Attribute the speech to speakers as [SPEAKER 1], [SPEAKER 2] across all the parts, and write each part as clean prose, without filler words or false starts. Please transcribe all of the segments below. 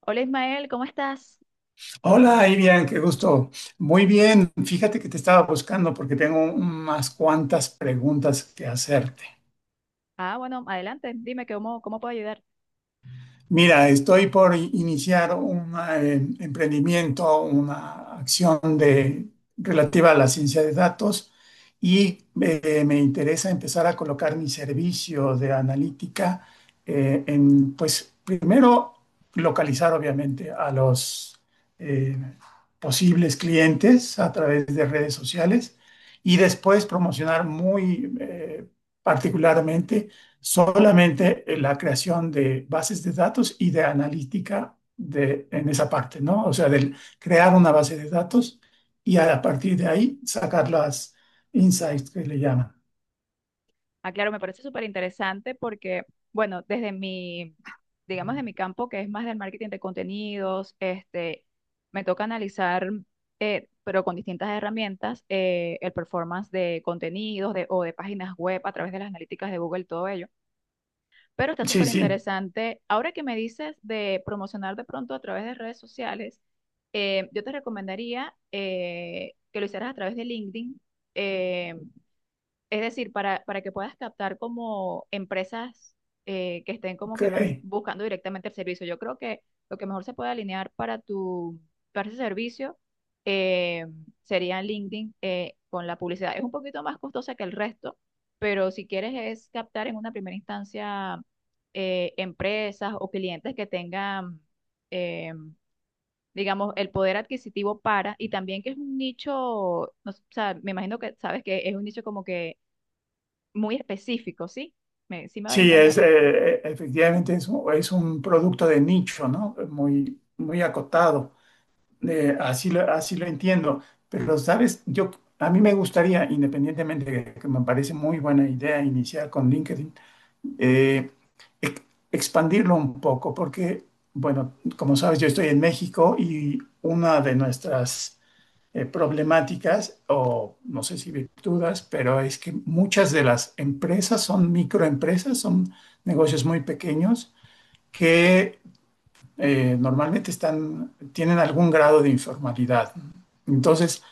[SPEAKER 1] Hola Ismael, ¿cómo estás?
[SPEAKER 2] Hola, Irian, qué gusto. Muy bien, fíjate que te estaba buscando porque tengo unas cuantas preguntas que hacerte.
[SPEAKER 1] Ah, bueno, adelante, dime que cómo puedo ayudar.
[SPEAKER 2] Mira, estoy por iniciar un emprendimiento, una acción de, relativa a la ciencia de datos y me interesa empezar a colocar mi servicio de analítica en, pues, primero localizar obviamente a los eh, posibles clientes a través de redes sociales y después promocionar muy particularmente solamente la creación de bases de datos y de analítica de, en esa parte, ¿no? O sea, del crear una base de datos y a partir de ahí sacar las insights que le llaman.
[SPEAKER 1] Ah, claro, me parece súper interesante porque, bueno, desde mi, digamos, de mi campo, que es más del marketing de contenidos, este, me toca analizar, pero con distintas herramientas, el performance de contenidos de, o de páginas web a través de las analíticas de Google, todo ello. Pero está
[SPEAKER 2] Sí,
[SPEAKER 1] súper
[SPEAKER 2] sí,
[SPEAKER 1] interesante. Ahora que me dices de promocionar de pronto a través de redes sociales, yo te recomendaría que lo hicieras a través de LinkedIn. Eh, es decir, para que puedas captar como empresas que estén como
[SPEAKER 2] ok.
[SPEAKER 1] que más buscando directamente el servicio. Yo creo que lo que mejor se puede alinear para ese servicio eh, sería LinkedIn con la publicidad. Es un poquito más costosa que el resto, pero si quieres es captar en una primera instancia empresas o clientes que tengan, eh, digamos, el poder adquisitivo para, y también que es un nicho, no s- o sea, me imagino que sabes que es un nicho como que muy específico, ¿sí? Sí me voy a
[SPEAKER 2] Sí, es,
[SPEAKER 1] entender.
[SPEAKER 2] efectivamente es, es un producto de nicho, ¿no? Muy, muy acotado. Así lo entiendo. Pero, ¿sabes? Yo, a mí me gustaría, independientemente de que me parece muy buena idea iniciar con LinkedIn, eh, ex- expandirlo un poco, porque, bueno, como sabes, yo estoy en México y una de nuestras problemáticas, o no sé si virtudes, pero es que muchas de las empresas son microempresas, son negocios muy pequeños que normalmente están, tienen algún grado de informalidad. Entonces,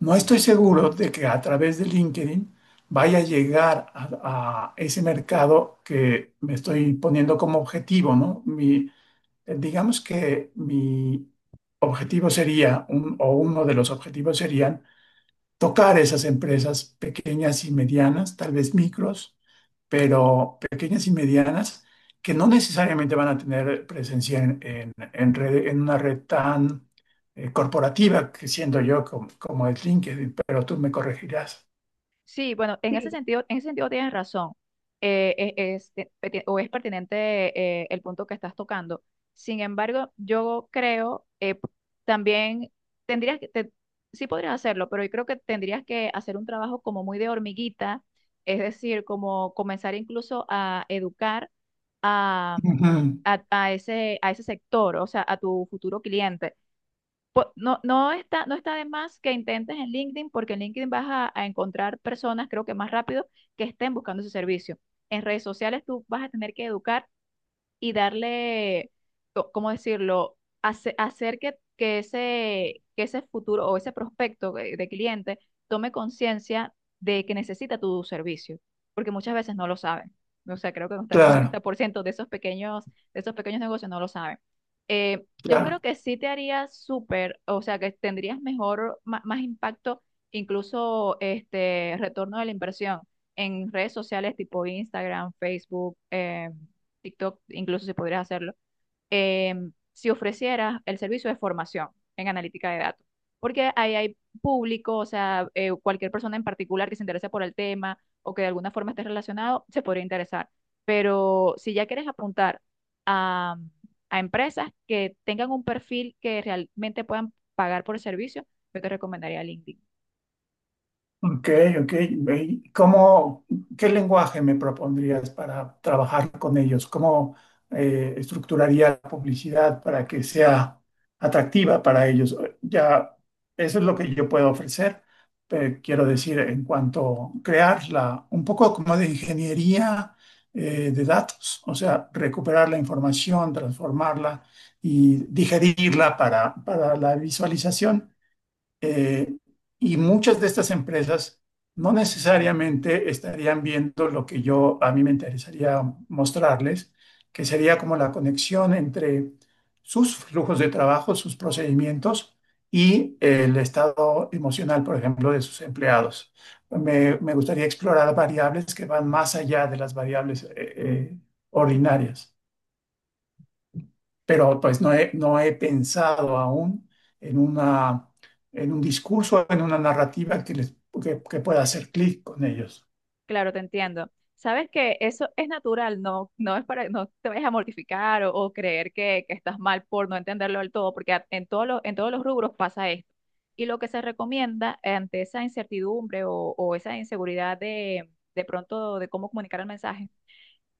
[SPEAKER 2] no estoy seguro de que a través de LinkedIn vaya a llegar a ese mercado que me estoy poniendo como objetivo, ¿no? Mi, digamos que mi objetivo sería, o uno de los objetivos serían, tocar esas empresas pequeñas y medianas, tal vez micros pero pequeñas y medianas que no necesariamente van a tener presencia en, en una red tan corporativa que siendo yo como, como es LinkedIn, pero tú me corregirás.
[SPEAKER 1] Sí, bueno, en ese
[SPEAKER 2] Sí,
[SPEAKER 1] sentido, en ese sentido tienes razón. O es pertinente el punto que estás tocando. Sin embargo, yo creo también tendrías que, sí podrías hacerlo, pero yo creo que tendrías que hacer un trabajo como muy de hormiguita, es decir, como comenzar incluso a educar a,
[SPEAKER 2] ujú,
[SPEAKER 1] a ese sector, o sea, a tu futuro cliente No, no está de más que intentes en LinkedIn, porque en LinkedIn vas a encontrar personas, creo que más rápido, que estén buscando ese servicio. En redes sociales tú vas a tener que educar y darle, ¿cómo decirlo? Hacer que ese futuro o ese prospecto de cliente tome conciencia de que necesita tu servicio, porque muchas veces no lo saben. O sea, creo que hasta un noventa
[SPEAKER 2] claro,
[SPEAKER 1] por ciento de esos pequeños negocios no lo saben. Eh,
[SPEAKER 2] sí,
[SPEAKER 1] yo creo
[SPEAKER 2] claro.
[SPEAKER 1] que sí te haría súper, o sea, que tendrías mejor, más, impacto, incluso este retorno de la inversión en redes sociales tipo Instagram, Facebook, TikTok incluso si pudieras hacerlo, eh, si ofrecieras el servicio de formación en analítica de datos, porque ahí hay público, o sea, cualquier persona en particular que se interese por el tema o que de alguna forma esté relacionado, se podría interesar. Pero si ya quieres apuntar a, a empresas que tengan un perfil que realmente puedan pagar por el servicio, yo te recomendaría LinkedIn.
[SPEAKER 2] Ok, ok. ¿Y ¿cómo, qué lenguaje me propondrías para trabajar con ellos? ¿Cómo estructuraría la publicidad para que sea atractiva para ellos? Ya, eso es lo que yo puedo ofrecer. Pero quiero decir, en cuanto a crearla, un poco como de ingeniería de datos, o sea, recuperar la información, transformarla y digerirla para la visualización, eh, y muchas de estas empresas no necesariamente estarían viendo lo que yo a mí me interesaría mostrarles, que sería como la conexión entre sus flujos de trabajo, sus procedimientos y el estado emocional, por ejemplo, de sus empleados. Me gustaría explorar variables que van más allá de las variables ordinarias pero pues no he pensado aún en una, en un discurso, en una narrativa que, les, que pueda hacer clic con ellos.
[SPEAKER 1] Claro, te entiendo. Sabes que eso es natural, no, no es para, no te vayas a mortificar o creer que estás mal por no entenderlo del todo, porque en todos los rubros pasa esto. Y lo que se recomienda ante esa incertidumbre o esa inseguridad de pronto de cómo comunicar el mensaje,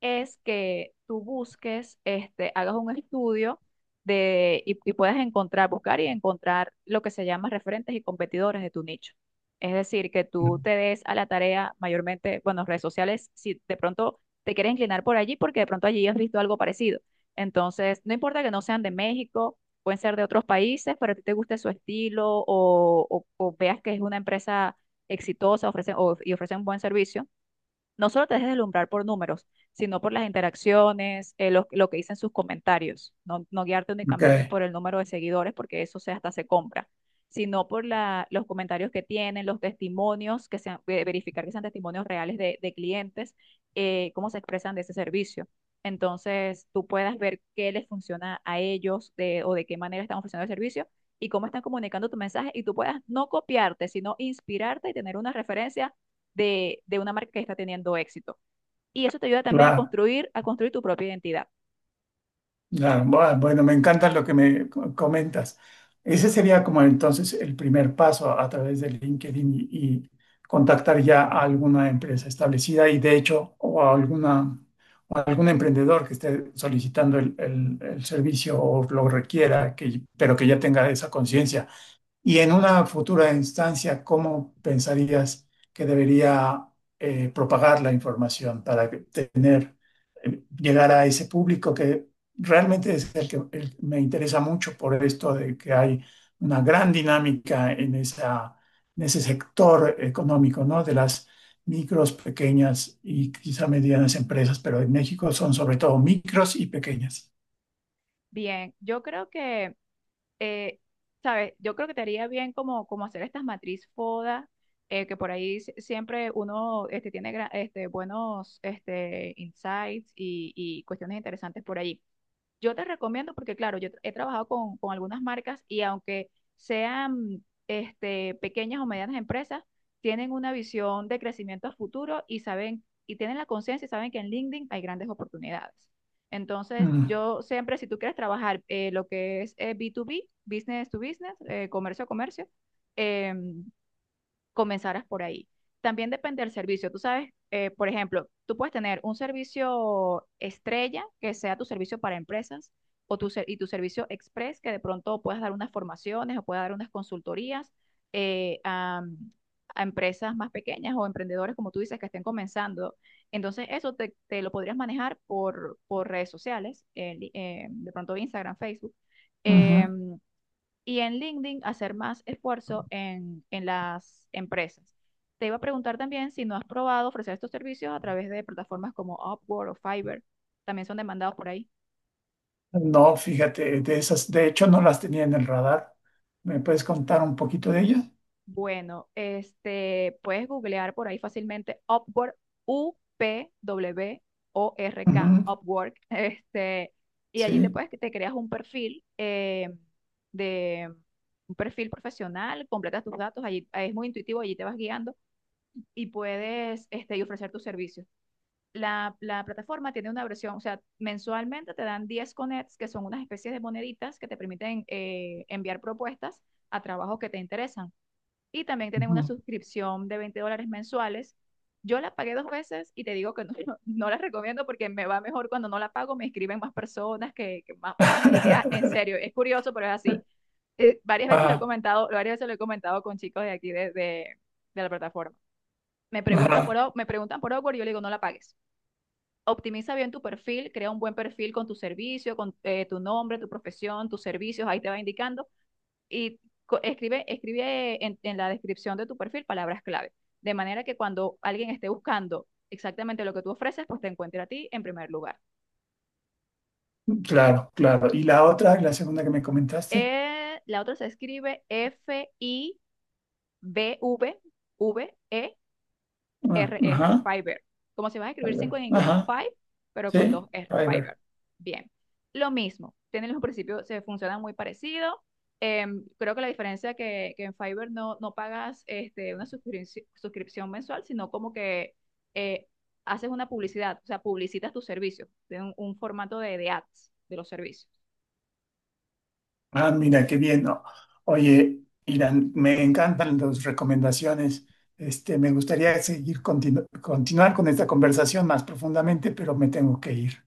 [SPEAKER 1] es que tú busques, este, hagas un estudio y puedas encontrar, buscar y encontrar lo que se llama referentes y competidores de tu nicho. Es decir, que tú te des a la tarea mayormente, bueno, redes sociales, si de pronto te quieres inclinar por allí, porque de pronto allí has visto algo parecido. Entonces, no importa que no sean de México, pueden ser de otros países, pero a ti te guste su estilo o veas que es una empresa exitosa y ofrece un buen servicio no solo te dejes deslumbrar por números, sino por las interacciones, lo que dicen sus comentarios. No, no guiarte
[SPEAKER 2] Ok,
[SPEAKER 1] únicamente por el número de seguidores, porque eso se, hasta se compra, sino por los comentarios que tienen, los testimonios, que sean, verificar que sean testimonios reales de clientes, cómo se expresan de ese servicio. Entonces, tú puedas ver qué les funciona a ellos o de qué manera están ofreciendo el servicio y cómo están comunicando tu mensaje y tú puedas no copiarte, sino inspirarte y tener una referencia de una marca que está teniendo éxito. Y eso te ayuda también a
[SPEAKER 2] claro,
[SPEAKER 1] construir, a construir tu propia identidad.
[SPEAKER 2] claro. Bueno, me encanta lo que me comentas. Ese sería como entonces el primer paso a través de LinkedIn y contactar ya a alguna empresa establecida y de hecho o a alguna, o a algún emprendedor que esté solicitando el, el servicio o lo requiera, que, pero que ya tenga esa conciencia. Y en una futura instancia, ¿cómo pensarías que debería propagar la información para que- tener, llegar a ese público que realmente es el que me interesa mucho por esto de que hay una gran dinámica en esa, en ese sector económico, ¿no? De las micros, pequeñas y quizá medianas empresas, pero en México son sobre todo micros y pequeñas.
[SPEAKER 1] Bien, yo creo que, eh, ¿sabes? Yo creo que te haría bien como hacer estas matriz FODA, que por ahí siempre uno este, tiene este, buenos este, insights y cuestiones interesantes por ahí. Yo te recomiendo porque, claro, yo he trabajado con algunas marcas y aunque sean este, pequeñas o medianas empresas, tienen una visión de crecimiento a futuro y saben, y tienen la conciencia y saben que en LinkedIn hay grandes oportunidades. Entonces,
[SPEAKER 2] Mm,
[SPEAKER 1] yo siempre, si tú quieres trabajar lo que es B2B, business to business, comercio a comercio, eh, comenzaras por ahí. También depende del servicio. Tú sabes, por ejemplo, tú puedes tener un servicio estrella, que sea tu servicio para empresas, o y tu servicio express, que de pronto puedas dar unas formaciones o puedas dar unas consultorías eh, a, a empresas más pequeñas o emprendedores, como tú dices, que estén comenzando. Entonces, eso te lo podrías manejar por redes sociales, de pronto Instagram, Facebook.
[SPEAKER 2] ujú.
[SPEAKER 1] Em, y en LinkedIn hacer más esfuerzo en las empresas. Te iba a preguntar también si no has probado ofrecer estos servicios a través de plataformas como Upwork o Fiverr. También son demandados por ahí.
[SPEAKER 2] No, fíjate, de esas, de hecho no las tenía en el radar. ¿Me puedes contar un poquito de ellas?
[SPEAKER 1] Bueno, este, puedes googlear por ahí fácilmente Upwork, Upwork,
[SPEAKER 2] Ujú,
[SPEAKER 1] Upwork. Este, y allí
[SPEAKER 2] sí,
[SPEAKER 1] te creas un perfil de un perfil profesional, completas tus datos, allí es muy intuitivo, allí te vas guiando y puedes este, y ofrecer tus servicios. La plataforma tiene una versión, o sea, mensualmente te dan 10 connects, que son unas especies de moneditas que te permiten enviar propuestas a trabajos que te interesan. Y también tienen una
[SPEAKER 2] ujú.
[SPEAKER 1] suscripción de $20 mensuales. Yo la pagué dos veces y te digo que no, no la recomiendo porque me va mejor cuando no la pago, me escriben más personas que más alineadas. En serio, es curioso, pero es así. Varias veces lo he
[SPEAKER 2] Ajá,
[SPEAKER 1] comentado, varias veces lo he comentado con chicos de aquí de la plataforma me preguntan por,
[SPEAKER 2] ajá,
[SPEAKER 1] me preguntan por Upwork y yo le digo, no la pagues. Optimiza bien tu perfil, crea un buen perfil con tu servicio, con tu nombre, tu profesión, tus servicios, ahí te va indicando. Y escribe en la descripción de tu perfil palabras clave, de manera que cuando alguien esté buscando exactamente lo que tú ofreces, pues te encuentre a ti en primer lugar.
[SPEAKER 2] claro, claro. ¿Y la otra, la segunda que me comentaste?
[SPEAKER 1] La otra se escribe F-I-B-V-V-E
[SPEAKER 2] Ah,
[SPEAKER 1] RR,
[SPEAKER 2] ajá,
[SPEAKER 1] Fiverr. Como si vas a escribir 5
[SPEAKER 2] Fiverr.
[SPEAKER 1] en inglés,
[SPEAKER 2] Ajá,
[SPEAKER 1] five, pero con dos
[SPEAKER 2] sí,
[SPEAKER 1] R,
[SPEAKER 2] Fiverr.
[SPEAKER 1] Fiverr. Bien. Lo mismo, tienen los principios, se funcionan muy parecido. Creo que la diferencia que en Fiverr no pagas este, una suscripción mensual, sino como que eh, haces una publicidad, o sea, publicitas tus servicios, tienen un formato de ads de los servicios.
[SPEAKER 2] Ah, mira, qué bien, ¿no? Oye, Irán, me encantan las recomendaciones. Este, me gustaría seguir continuar con esta conversación más profundamente, pero me tengo que ir.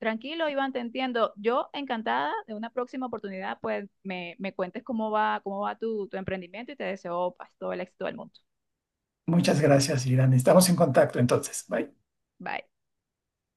[SPEAKER 1] Tranquilo, Iván, te entiendo. Yo encantada de una próxima oportunidad, pues me cuentes cómo va tu emprendimiento y te deseo pues, todo el éxito del mundo.
[SPEAKER 2] Muchas gracias, Irán. Estamos en contacto entonces. Bye.
[SPEAKER 1] Bye.